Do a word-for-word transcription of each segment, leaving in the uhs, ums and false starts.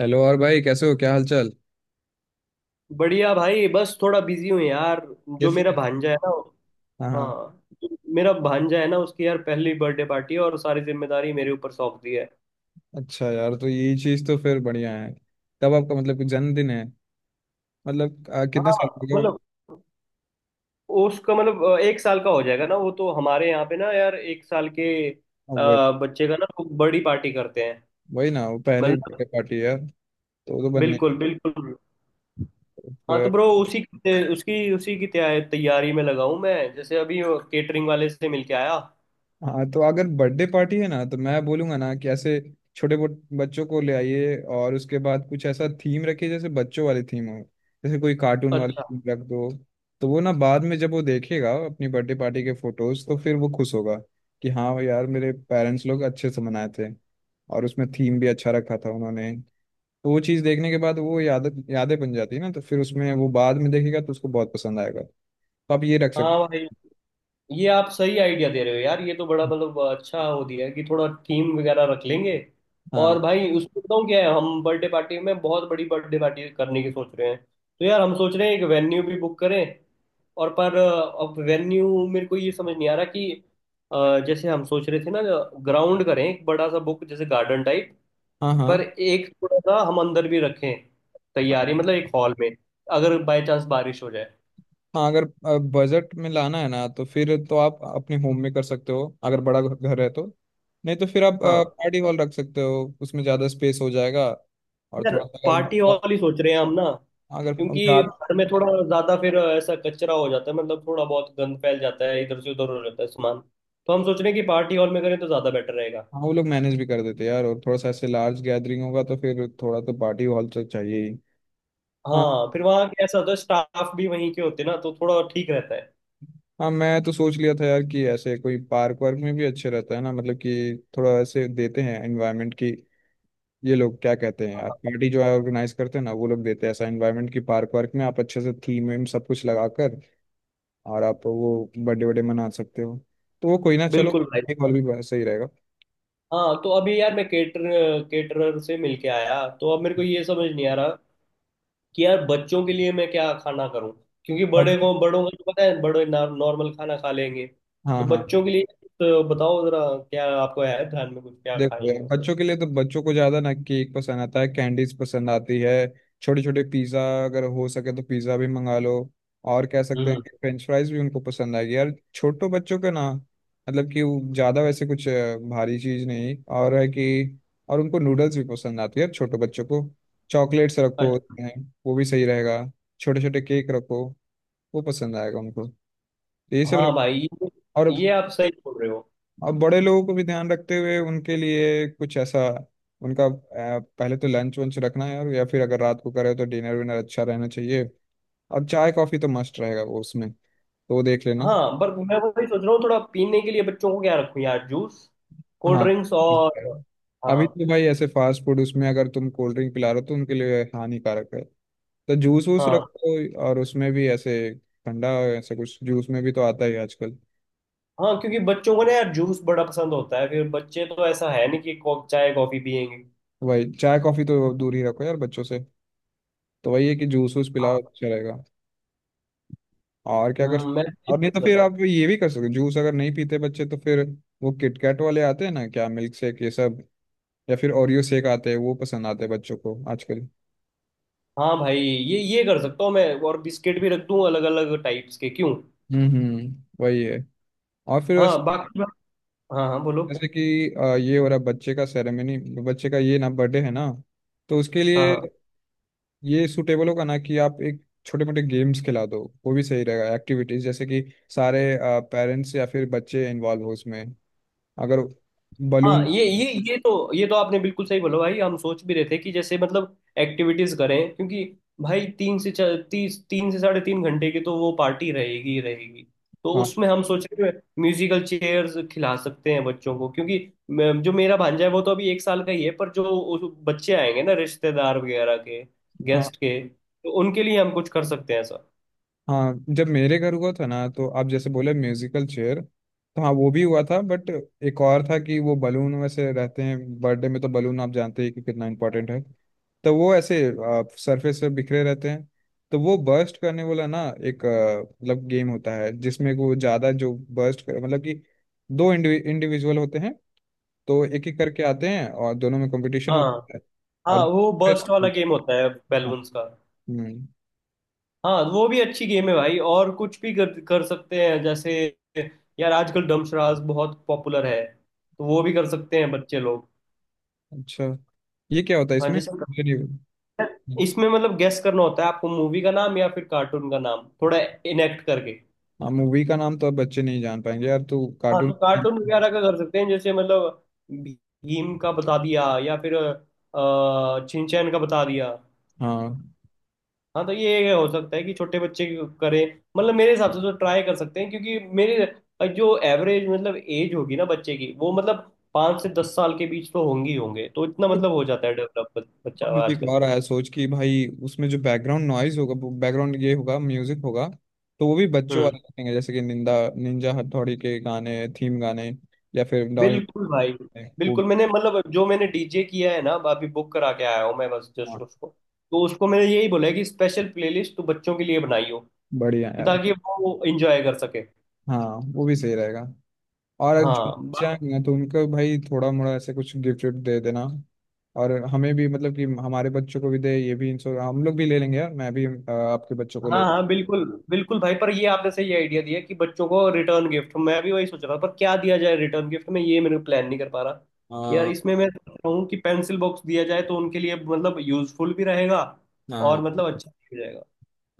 Hello. और भाई, कैसे हो? क्या हाल चाल? बढ़िया भाई। बस थोड़ा बिजी हूँ यार। जो किस मेरा लिए? भांजा है ना। हाँ, हाँ। हाँ। जो मेरा भांजा है ना, उसकी यार पहली बर्थडे पार्टी है और सारी जिम्मेदारी मेरे ऊपर सौंप दी है। अच्छा यार, तो यही चीज़ तो फिर बढ़िया है। कब आपका मतलब कुछ जन्मदिन है? मतलब आ, कितने हाँ। साल का हो गया? मतलब उसका मतलब अ, एक साल का हो जाएगा ना। वो तो हमारे यहाँ पे ना यार एक साल के अ, हाँ, वही। बच्चे का ना वो बड़ी पार्टी करते हैं। वही ना, वो पहली बर्थडे मतलब पार्टी है। तो तो बनने बिल्कुल बिल्कुल। हाँ तो फिर। ब्रो उसी की- उसकी उसी की तैया- तैयारी में लगा हूँ मैं। जैसे अभी केटरिंग वाले से मिलके आया। हाँ, तो अगर बर्थडे पार्टी है ना, तो मैं बोलूंगा ना कि ऐसे छोटे बो- बच्चों को ले आइए, और उसके बाद कुछ ऐसा थीम रखिए जैसे बच्चों वाली थीम हो। जैसे कोई कार्टून वाली अच्छा। थीम रख दो। तो वो ना बाद में जब वो देखेगा अपनी बर्थडे पार्टी के फोटोज, तो फिर वो खुश होगा कि हाँ यार, मेरे पेरेंट्स लोग अच्छे से मनाए थे, और उसमें थीम भी अच्छा रखा था उन्होंने। तो वो चीज़ देखने के बाद वो याद यादें बन जाती है ना, तो फिर उसमें वो बाद में देखेगा तो उसको बहुत पसंद आएगा। तो आप ये रख हाँ सकते। भाई ये आप सही आइडिया दे रहे हो यार। ये तो बड़ा मतलब अच्छा हो दिया है कि थोड़ा थीम वगैरह रख लेंगे। और हाँ, भाई उसमें बताऊँ क्या है, हम बर्थडे पार्टी में बहुत बड़ी बर्थडे पार्टी करने की सोच रहे हैं, तो यार हम सोच रहे हैं एक वेन्यू भी बुक करें। और पर अ, अब वेन्यू मेरे को ये समझ नहीं आ रहा कि अ, जैसे हम सोच रहे थे ना, ग्राउंड करें एक बड़ा सा बुक, जैसे गार्डन टाइप। हाँ, पर हाँ, एक थोड़ा सा हम अंदर भी रखें, तैयारी मतलब एक हॉल में, अगर बाय चांस बारिश हो जाए। हाँ। अगर बजट में लाना है ना, तो फिर तो आप अपने होम में कर सकते हो, अगर बड़ा घ- घर है तो। नहीं तो फिर आप हाँ पार्टी हॉल रख सकते हो, उसमें ज़्यादा स्पेस हो जाएगा। और यार थोड़ा सा अगर पार्टी मतलब, हॉल ही सोच रहे हैं हम ना, अगर हम क्योंकि घर ज़्यादा। में थोड़ा ज्यादा फिर ऐसा कचरा हो जाता है, मतलब थोड़ा बहुत गंद फैल जाता है, इधर से उधर हो जाता है सामान। तो हम सोच रहे हैं कि पार्टी हॉल में करें तो ज्यादा बेटर रहेगा। हाँ, वो लोग मैनेज भी कर देते हैं यार, और थोड़ा सा ऐसे लार्ज गैदरिंग होगा तो फिर थोड़ा तो पार्टी हॉल तो चाहिए ही। हाँ, हाँ फिर वहाँ कैसा होता है, स्टाफ भी वहीं के होते हैं ना, तो थोड़ा ठीक रहता है। हाँ। मैं तो सोच लिया था यार कि ऐसे कोई पार्क वार्क में भी अच्छे रहता है ना, मतलब कि थोड़ा ऐसे देते हैं एनवायरनमेंट की। ये लोग क्या कहते हैं यार, हाँ, पार्टी जो है ऑर्गेनाइज करते हैं ना, वो लोग देते हैं ऐसा एनवायरनमेंट कि पार्क वार्क में आप अच्छे से थीम वीम सब कुछ लगाकर और आप वो बर्थडे बर्थडे मना सकते हो। तो वो कोई ना, चलो। बिल्कुल भाई। एक और भी सही रहेगा। हाँ तो अभी यार मैं केटर केटरर से मिलके आया। तो अब मेरे को ये समझ नहीं आ रहा कि यार बच्चों के लिए मैं क्या खाना करूँ, क्योंकि बड़े बस- को बड़ों को तो पता है, बड़े नॉर्मल खाना खा लेंगे। हाँ, तो हाँ। बच्चों के लिए, तो बताओ जरा क्या आपको है ध्यान में कुछ, क्या देखो खाएंगे यार, वो। बच्चों के लिए तो बच्चों को ज्यादा ना केक पसंद आता है, कैंडीज पसंद आती है। छोटे छोटे पिज्जा, अगर हो सके तो पिज्जा भी मंगा लो। और कह सकते हैं हम्म। कि फ्रेंच फ्राइज भी उनको पसंद आएगी यार, छोटे बच्चों का ना मतलब कि वो ज्यादा वैसे कुछ अ, भारी चीज नहीं और है कि। और उनको नूडल्स भी पसंद आती है छोटे बच्चों को। चॉकलेट्स रखो अच्छा। उसमें, वो भी सही रहेगा। छोटे छोटे केक रखो, वो पसंद आएगा उनको। तो ये सब हाँ रख। भाई ये और ये आप सही बोल रहे हो। अब बड़े लोगों को भी ध्यान रखते हुए उनके लिए कुछ ऐसा, उनका अ, पहले तो लंच वंच रखना है, और या फिर अगर रात को करे तो डिनर विनर अच्छा रहना चाहिए। और चाय कॉफी तो मस्ट रहेगा वो उसमें तो, वो देख लेना। हाँ पर मैं वही सोच रहा हूँ, थोड़ा पीने के लिए बच्चों को क्या रखूँ यार, जूस, कोल्ड हाँ। ड्रिंक्स और। अभी हाँ। तो भाई ऐसे फास्ट फूड, उसमें अगर तुम कोल्ड ड्रिंक पिला रहे हो तो उनके लिए हानिकारक है। तो जूस वूस हाँ। रखो, और उसमें भी ऐसे ठंडा, ऐसा कुछ जूस में भी तो आता ही है आजकल। हाँ क्योंकि बच्चों को ना यार जूस बड़ा पसंद होता है। फिर बच्चे तो ऐसा है नहीं कि को- चाय कॉफी पियेंगे। वही चाय कॉफी तो दूर ही रखो यार बच्चों से। तो वही है कि जूस वूस पिलाओ, हाँ। अच्छा रहेगा। और क्या कर सक-। हम्म, मैं ये और नहीं सोच तो रहा फिर आप था। ये भी कर सकते हो, जूस अगर नहीं पीते बच्चे तो फिर वो किटकैट वाले आते हैं ना क्या, मिल्क शेक ये सब। या फिर ओरियो शेक आते हैं, वो पसंद आते हैं बच्चों को आजकल। हाँ भाई ये ये कर सकता हूँ मैं। और बिस्किट भी रख दूँ अलग अलग टाइप्स के क्यों। हम्म, हम्म। वही है। और फिर हाँ ऐसे, बाकी। हाँ हाँ बोलो। जैसे कि अ, ये हो रहा है बच्चे का सेरेमनी, बच्चे का ये ना बर्थडे है ना, तो उसके हाँ, लिए हाँ, ये सूटेबल होगा ना कि आप एक छोटे मोटे गेम्स खिला दो, वो भी सही रहेगा। एक्टिविटीज जैसे कि सारे पेरेंट्स या फिर बच्चे इन्वॉल्व हो उसमें, अगर हाँ। बलून। ये ये ये तो ये तो आपने बिल्कुल सही बोला भाई। हम सोच भी रहे थे कि जैसे मतलब एक्टिविटीज करें, क्योंकि भाई तीन से चार तीस तीन से साढ़े तीन घंटे की तो वो पार्टी रहेगी ही रहेगी। तो हाँ, उसमें हम सोच रहे थे म्यूजिकल चेयर्स खिला सकते हैं बच्चों को, क्योंकि मैं- जो मेरा भांजा है वो तो अभी एक साल का ही है, पर जो उस- बच्चे आएंगे ना, रिश्तेदार वगैरह के हाँ। गेस्ट के, तो उनके लिए हम कुछ कर सकते हैं ऐसा। हाँ, जब मेरे घर हुआ था ना, तो आप जैसे बोले म्यूजिकल चेयर, तो हाँ, वो भी हुआ था, बट एक और था कि वो बलून वैसे रहते हैं बर्थडे में, तो बलून आप जानते ही कि कितना इंपॉर्टेंट है। तो वो ऐसे सरफेस पे बिखरे रहते हैं। तो वो बर्स्ट करने वाला ना, एक अ, मतलब गेम होता है, जिसमें वो ज़्यादा जो बर्स्ट कर, मतलब कि दो इंडिविजुअल होते हैं, तो एक एक करके आते हैं और दोनों में कंपटीशन हाँ। होता है। हाँ और वो बर्स्ट वाला गेम होता है हाँ। बैलून्स का। हम्म, हाँ वो भी अच्छी गेम है भाई। और कुछ भी कर कर सकते हैं, जैसे यार आजकल डमशराज बहुत पॉपुलर है, तो वो भी कर सकते हैं बच्चे लोग। अच्छा। ये क्या होता है हाँ इसमें? जैसे इसमें मतलब गेस करना होता है आपको, मूवी का नाम या फिर कार्टून का नाम, थोड़ा इनेक्ट करके। हाँ, मूवी का नाम तो अब बच्चे नहीं जान पाएंगे यार, तू हाँ कार्टून तो का कार्टून नाम वगैरह मत-। का कर सकते हैं, जैसे मतलब भी- भीम का बता दिया या फिर अ, छिंचैन का बता दिया। हाँ। हाँ तो ये हो सकता है कि छोटे बच्चे करें। मतलब मेरे हिसाब से तो ट्राई कर सकते हैं, क्योंकि मेरे जो एवरेज मतलब एज होगी ना बच्चे की, वो मतलब पाँच से दस साल के बीच तो होंगी ही होंगे, तो इतना और मतलब हो जाता है डेवलप बच्चा अब मुझे एक आजकल। और आया सोच कि भाई, उसमें जो बैकग्राउंड नॉइज होगा, बैकग्राउंड ये होगा म्यूजिक होगा, तो वो भी बच्चों हम्म वाले रखेंगे जैसे कि निंदा निंजा हथौड़ी के गाने, थीम गाने, या फिर डोरेमोन बिल्कुल भाई। के, वो। बिल्कुल मैंने, मतलब जो मैंने डीजे किया है ना अभी, बुक करा के आया हूँ मैं, बस हाँ, जस्ट उसको। तो उसको मैंने यही बोला है कि स्पेशल प्लेलिस्ट तो बच्चों के लिए बनाई हो, कि बढ़िया यार। ताकि वो एंजॉय कर सके। हाँ, वो भी सही रहेगा। और जो बच्चे हाँ आएंगे ना, तो उनको भाई थोड़ा मोड़ा ऐसे कुछ गिफ्ट विफ्ट दे देना, और हमें भी मतलब कि हमारे बच्चों को भी दे, ये भी इंश्योर हम लोग भी ले लेंगे यार, मैं भी अ, आपके बच्चों को हाँ। ले। हाँ बिल्कुल। बिल्कुल भाई पर ये आपने सही आइडिया दिया कि बच्चों को रिटर्न गिफ्ट। मैं भी वही सोच रहा था, पर क्या दिया जाए रिटर्न गिफ्ट में, ये मेरे प्लान नहीं कर पा रहा। यार हाँ, इसमें मैं सोच रहा हूँ कि पेंसिल बॉक्स दिया जाए, तो उनके लिए मतलब यूजफुल भी रहेगा हाँ, और हाँ, मतलब अच्छा भी हो जाएगा।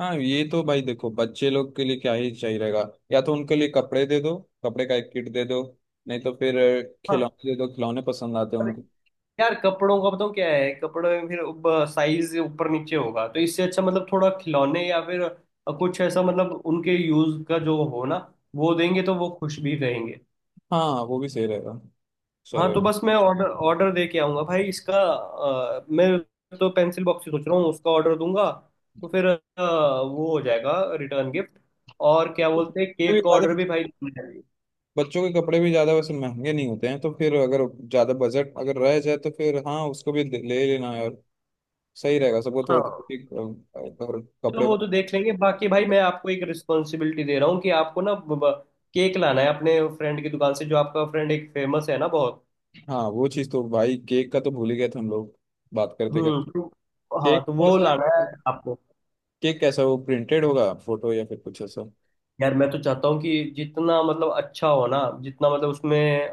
हाँ, ये तो भाई देखो, बच्चे लोग के लिए क्या ही चाहिए रहेगा। या तो उनके लिए कपड़े दे दो, कपड़े का एक किट दे दो, नहीं तो फिर अ, हाँ खिलौने दे दो, खिलौने पसंद आते हैं उनको। यार कपड़ों का बताऊँ क्या है, कपड़े में फिर साइज ऊपर नीचे होगा, तो इससे अच्छा मतलब थोड़ा खिलौने या फिर कुछ ऐसा मतलब उनके यूज का जो हो ना, वो देंगे तो वो खुश भी रहेंगे। हाँ, वो भी सही रहेगा। चलो। हाँ तो बस मैं ऑर्डर ऑर्डर दे के आऊँगा भाई इसका, अ, मैं तो पेंसिल बॉक्स ही सोच रहा हूँ, उसका ऑर्डर दूंगा, तो फिर अ, वो हो जाएगा रिटर्न गिफ्ट। और क्या बोलते हैं, तो भी केक का ज्यादा ऑर्डर भी भाई दूंगा मैं। बच्चों के कपड़े भी ज्यादा वैसे महंगे नहीं होते हैं, तो फिर अगर ज्यादा बजट अगर रह जाए तो फिर हाँ, उसको भी ले ले लेना यार। सही रहेगा सबको थोड़ा हाँ थोड़ा, अगर चलो कपड़े। वो तो देख लेंगे। बाकी भाई मैं आपको एक रिस्पॉन्सिबिलिटी दे रहा हूँ कि आपको ना ब- ब- केक लाना है अपने फ्रेंड की दुकान से, जो आपका फ्रेंड एक फेमस है ना बहुत। हाँ, वो चीज़ तो भाई, केक का तो भूल ही गए थे हम लोग बात करते करते। हम्म तो- हाँ केक तो थोड़ा वो सा, लाना है आपको। केक कैसा, वो प्रिंटेड होगा फोटो या फिर कुछ ऐसा, यार मैं तो चाहता हूँ कि जितना मतलब अच्छा हो ना, जितना मतलब उसमें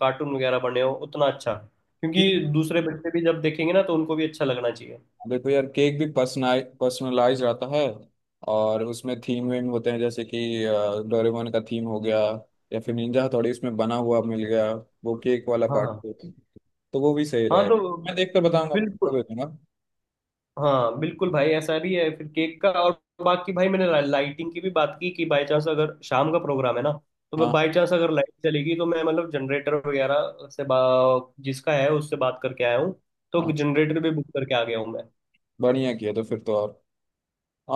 कार्टून वगैरह बने हो उतना अच्छा, क्योंकि केक? दूसरे बच्चे भी जब देखेंगे ना तो उनको भी अच्छा लगना चाहिए। देखो यार, केक भी पर्सनल पर्सनलाइज रहता है, और उसमें थीम वीम होते हैं, जैसे कि अ, डोरेमोन का थीम हो गया, या फिर निंजा हथौड़ी उसमें बना हुआ मिल गया, वो केक वाला पार्ट। हाँ तो वो भी सही हाँ तो। रहेगा। मैं देख कर बताऊंगा, आपको बिल्कुल भेजूंगा। हाँ बिल्कुल भाई, ऐसा भी है फिर केक का। और बाकी भाई मैंने लाइटिंग की भी बात की कि बाय चांस अगर शाम का प्रोग्राम है ना, तो मैं हाँ, बाय चांस अगर लाइट चलेगी तो मैं मतलब जनरेटर वगैरह से, बा जिसका है उससे बात करके आया हूँ, तो हाँ, जनरेटर भी बुक करके आ गया हूँ मैं। बढ़िया किया। तो फिर तो, और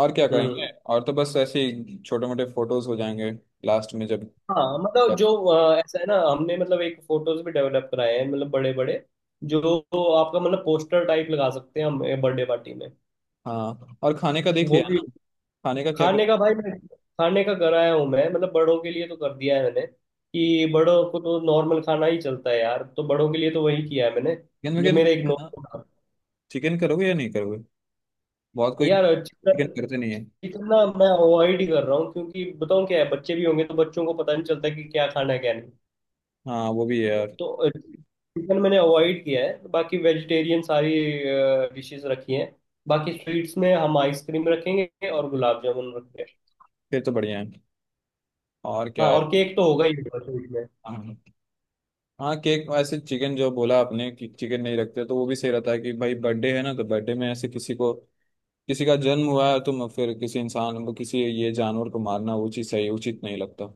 और क्या हम्म। करेंगे, और तो बस ऐसे ही छोटे मोटे फोटोज हो जाएंगे लास्ट में जब। हाँ मतलब जो अ, ऐसा है ना, हमने मतलब एक फोटोज भी डेवलप कराए हैं मतलब बड़े बड़े, जो जो आपका मतलब पोस्टर टाइप लगा सकते हैं हम बर्थडे पार्टी में। हाँ, और खाने का देख वो लिया भी। ना? खाने का क्या? खाने का भाई मैं, खाने का कराया हूँ मैं, मतलब बड़ों के लिए तो कर दिया है मैंने, कि बड़ों को तो नॉर्मल खाना ही चलता है यार, तो बड़ों के लिए तो वही किया है मैंने। जो मेरे एक क्या नॉर्मल था। चिकन करोगे या नहीं करोगे? बहुत कोई यार चिकन चिकन करते नहीं है। चिकन ना मैं अवॉइड ही कर रहा हूँ, क्योंकि बताऊँ क्या है, बच्चे भी होंगे तो बच्चों को पता नहीं चलता कि क्या खाना है क्या नहीं। हाँ, वो भी है यार। तो चिकन मैंने अवॉइड किया है, बाकी वेजिटेरियन सारी डिशेस रखी हैं। बाकी स्वीट्स में हम आइसक्रीम रखेंगे और गुलाब जामुन रखेंगे। फिर तो बढ़िया है। और क्या हाँ है? और केक तो होगा ही होगा स्वीट में। हाँ, हाँ, केक ऐसे। चिकन जो बोला आपने कि चिकन नहीं रखते, तो वो भी सही रहता है कि भाई बर्थडे है ना, तो बर्थडे में ऐसे किसी को, किसी का जन्म हुआ है तो म- फिर किसी इंसान को, किसी ये जानवर को मारना वो चीज़ सही उचित नहीं लगता।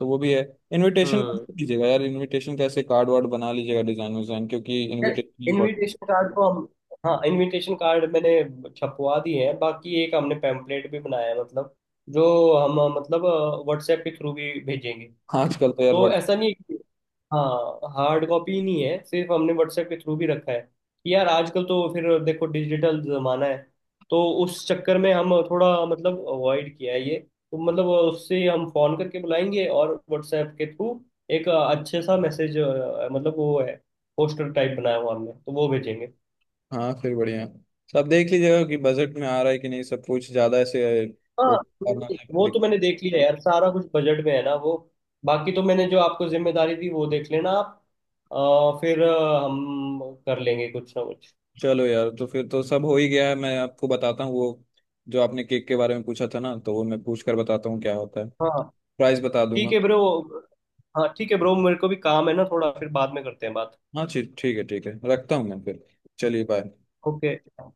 तो वो भी है। इनविटेशन हम्म। लीजिएगा यार, इनविटेशन कैसे, कार्ड वार्ड बना लीजिएगा, डिजाइन विजाइन, क्योंकि यार इनविटेशन इनविटेशन कार्ड को हम, हाँ इनविटेशन कार्ड मैंने छपवा दिए हैं। बाकी एक हमने पैम्पलेट भी बनाया है, मतलब जो हम मतलब व्हाट्सएप के थ्रू भी भेजेंगे। आजकल तो यार। तो ऐसा नहीं है कि, हाँ हार्ड कॉपी ही नहीं है, सिर्फ हमने व्हाट्सएप के थ्रू भी रखा है। कि यार आजकल तो फिर देखो डिजिटल जमाना है, तो उस चक्कर में हम थोड़ा मतलब अवॉइड किया है ये। तो मतलब उससे हम फोन करके बुलाएंगे और व्हाट्सएप के थ्रू एक अच्छे सा मैसेज, मतलब वो है पोस्टर टाइप बनाया हुआ हमने, तो वो भेजेंगे। हाँ, फिर बढ़िया। सब देख लीजिएगा कि बजट में आ रहा है कि नहीं, सब कुछ ज्यादा ऐसे वो हाँ करना नहीं वो तो दिक-। मैंने देख लिया यार, सारा कुछ बजट में है ना वो। बाकी तो मैंने जो आपको जिम्मेदारी दी वो देख लेना आप, अ, फिर अ, हम कर लेंगे कुछ ना कुछ। चलो यार, तो फिर तो सब हो ही गया है। मैं आपको बताता हूँ वो, जो आपने केक के बारे में पूछा था ना, तो वो मैं पूछ कर बताता हूँ क्या होता है, हाँ प्राइस बता ठीक दूंगा। है ब्रो। हाँ ठीक है ब्रो, मेरे को भी काम है ना थोड़ा, फिर बाद में करते हैं बात। हाँ, ठीक, ठीक है, ठीक है, रखता हूँ मैं फिर। चलिए, बाय। ओके।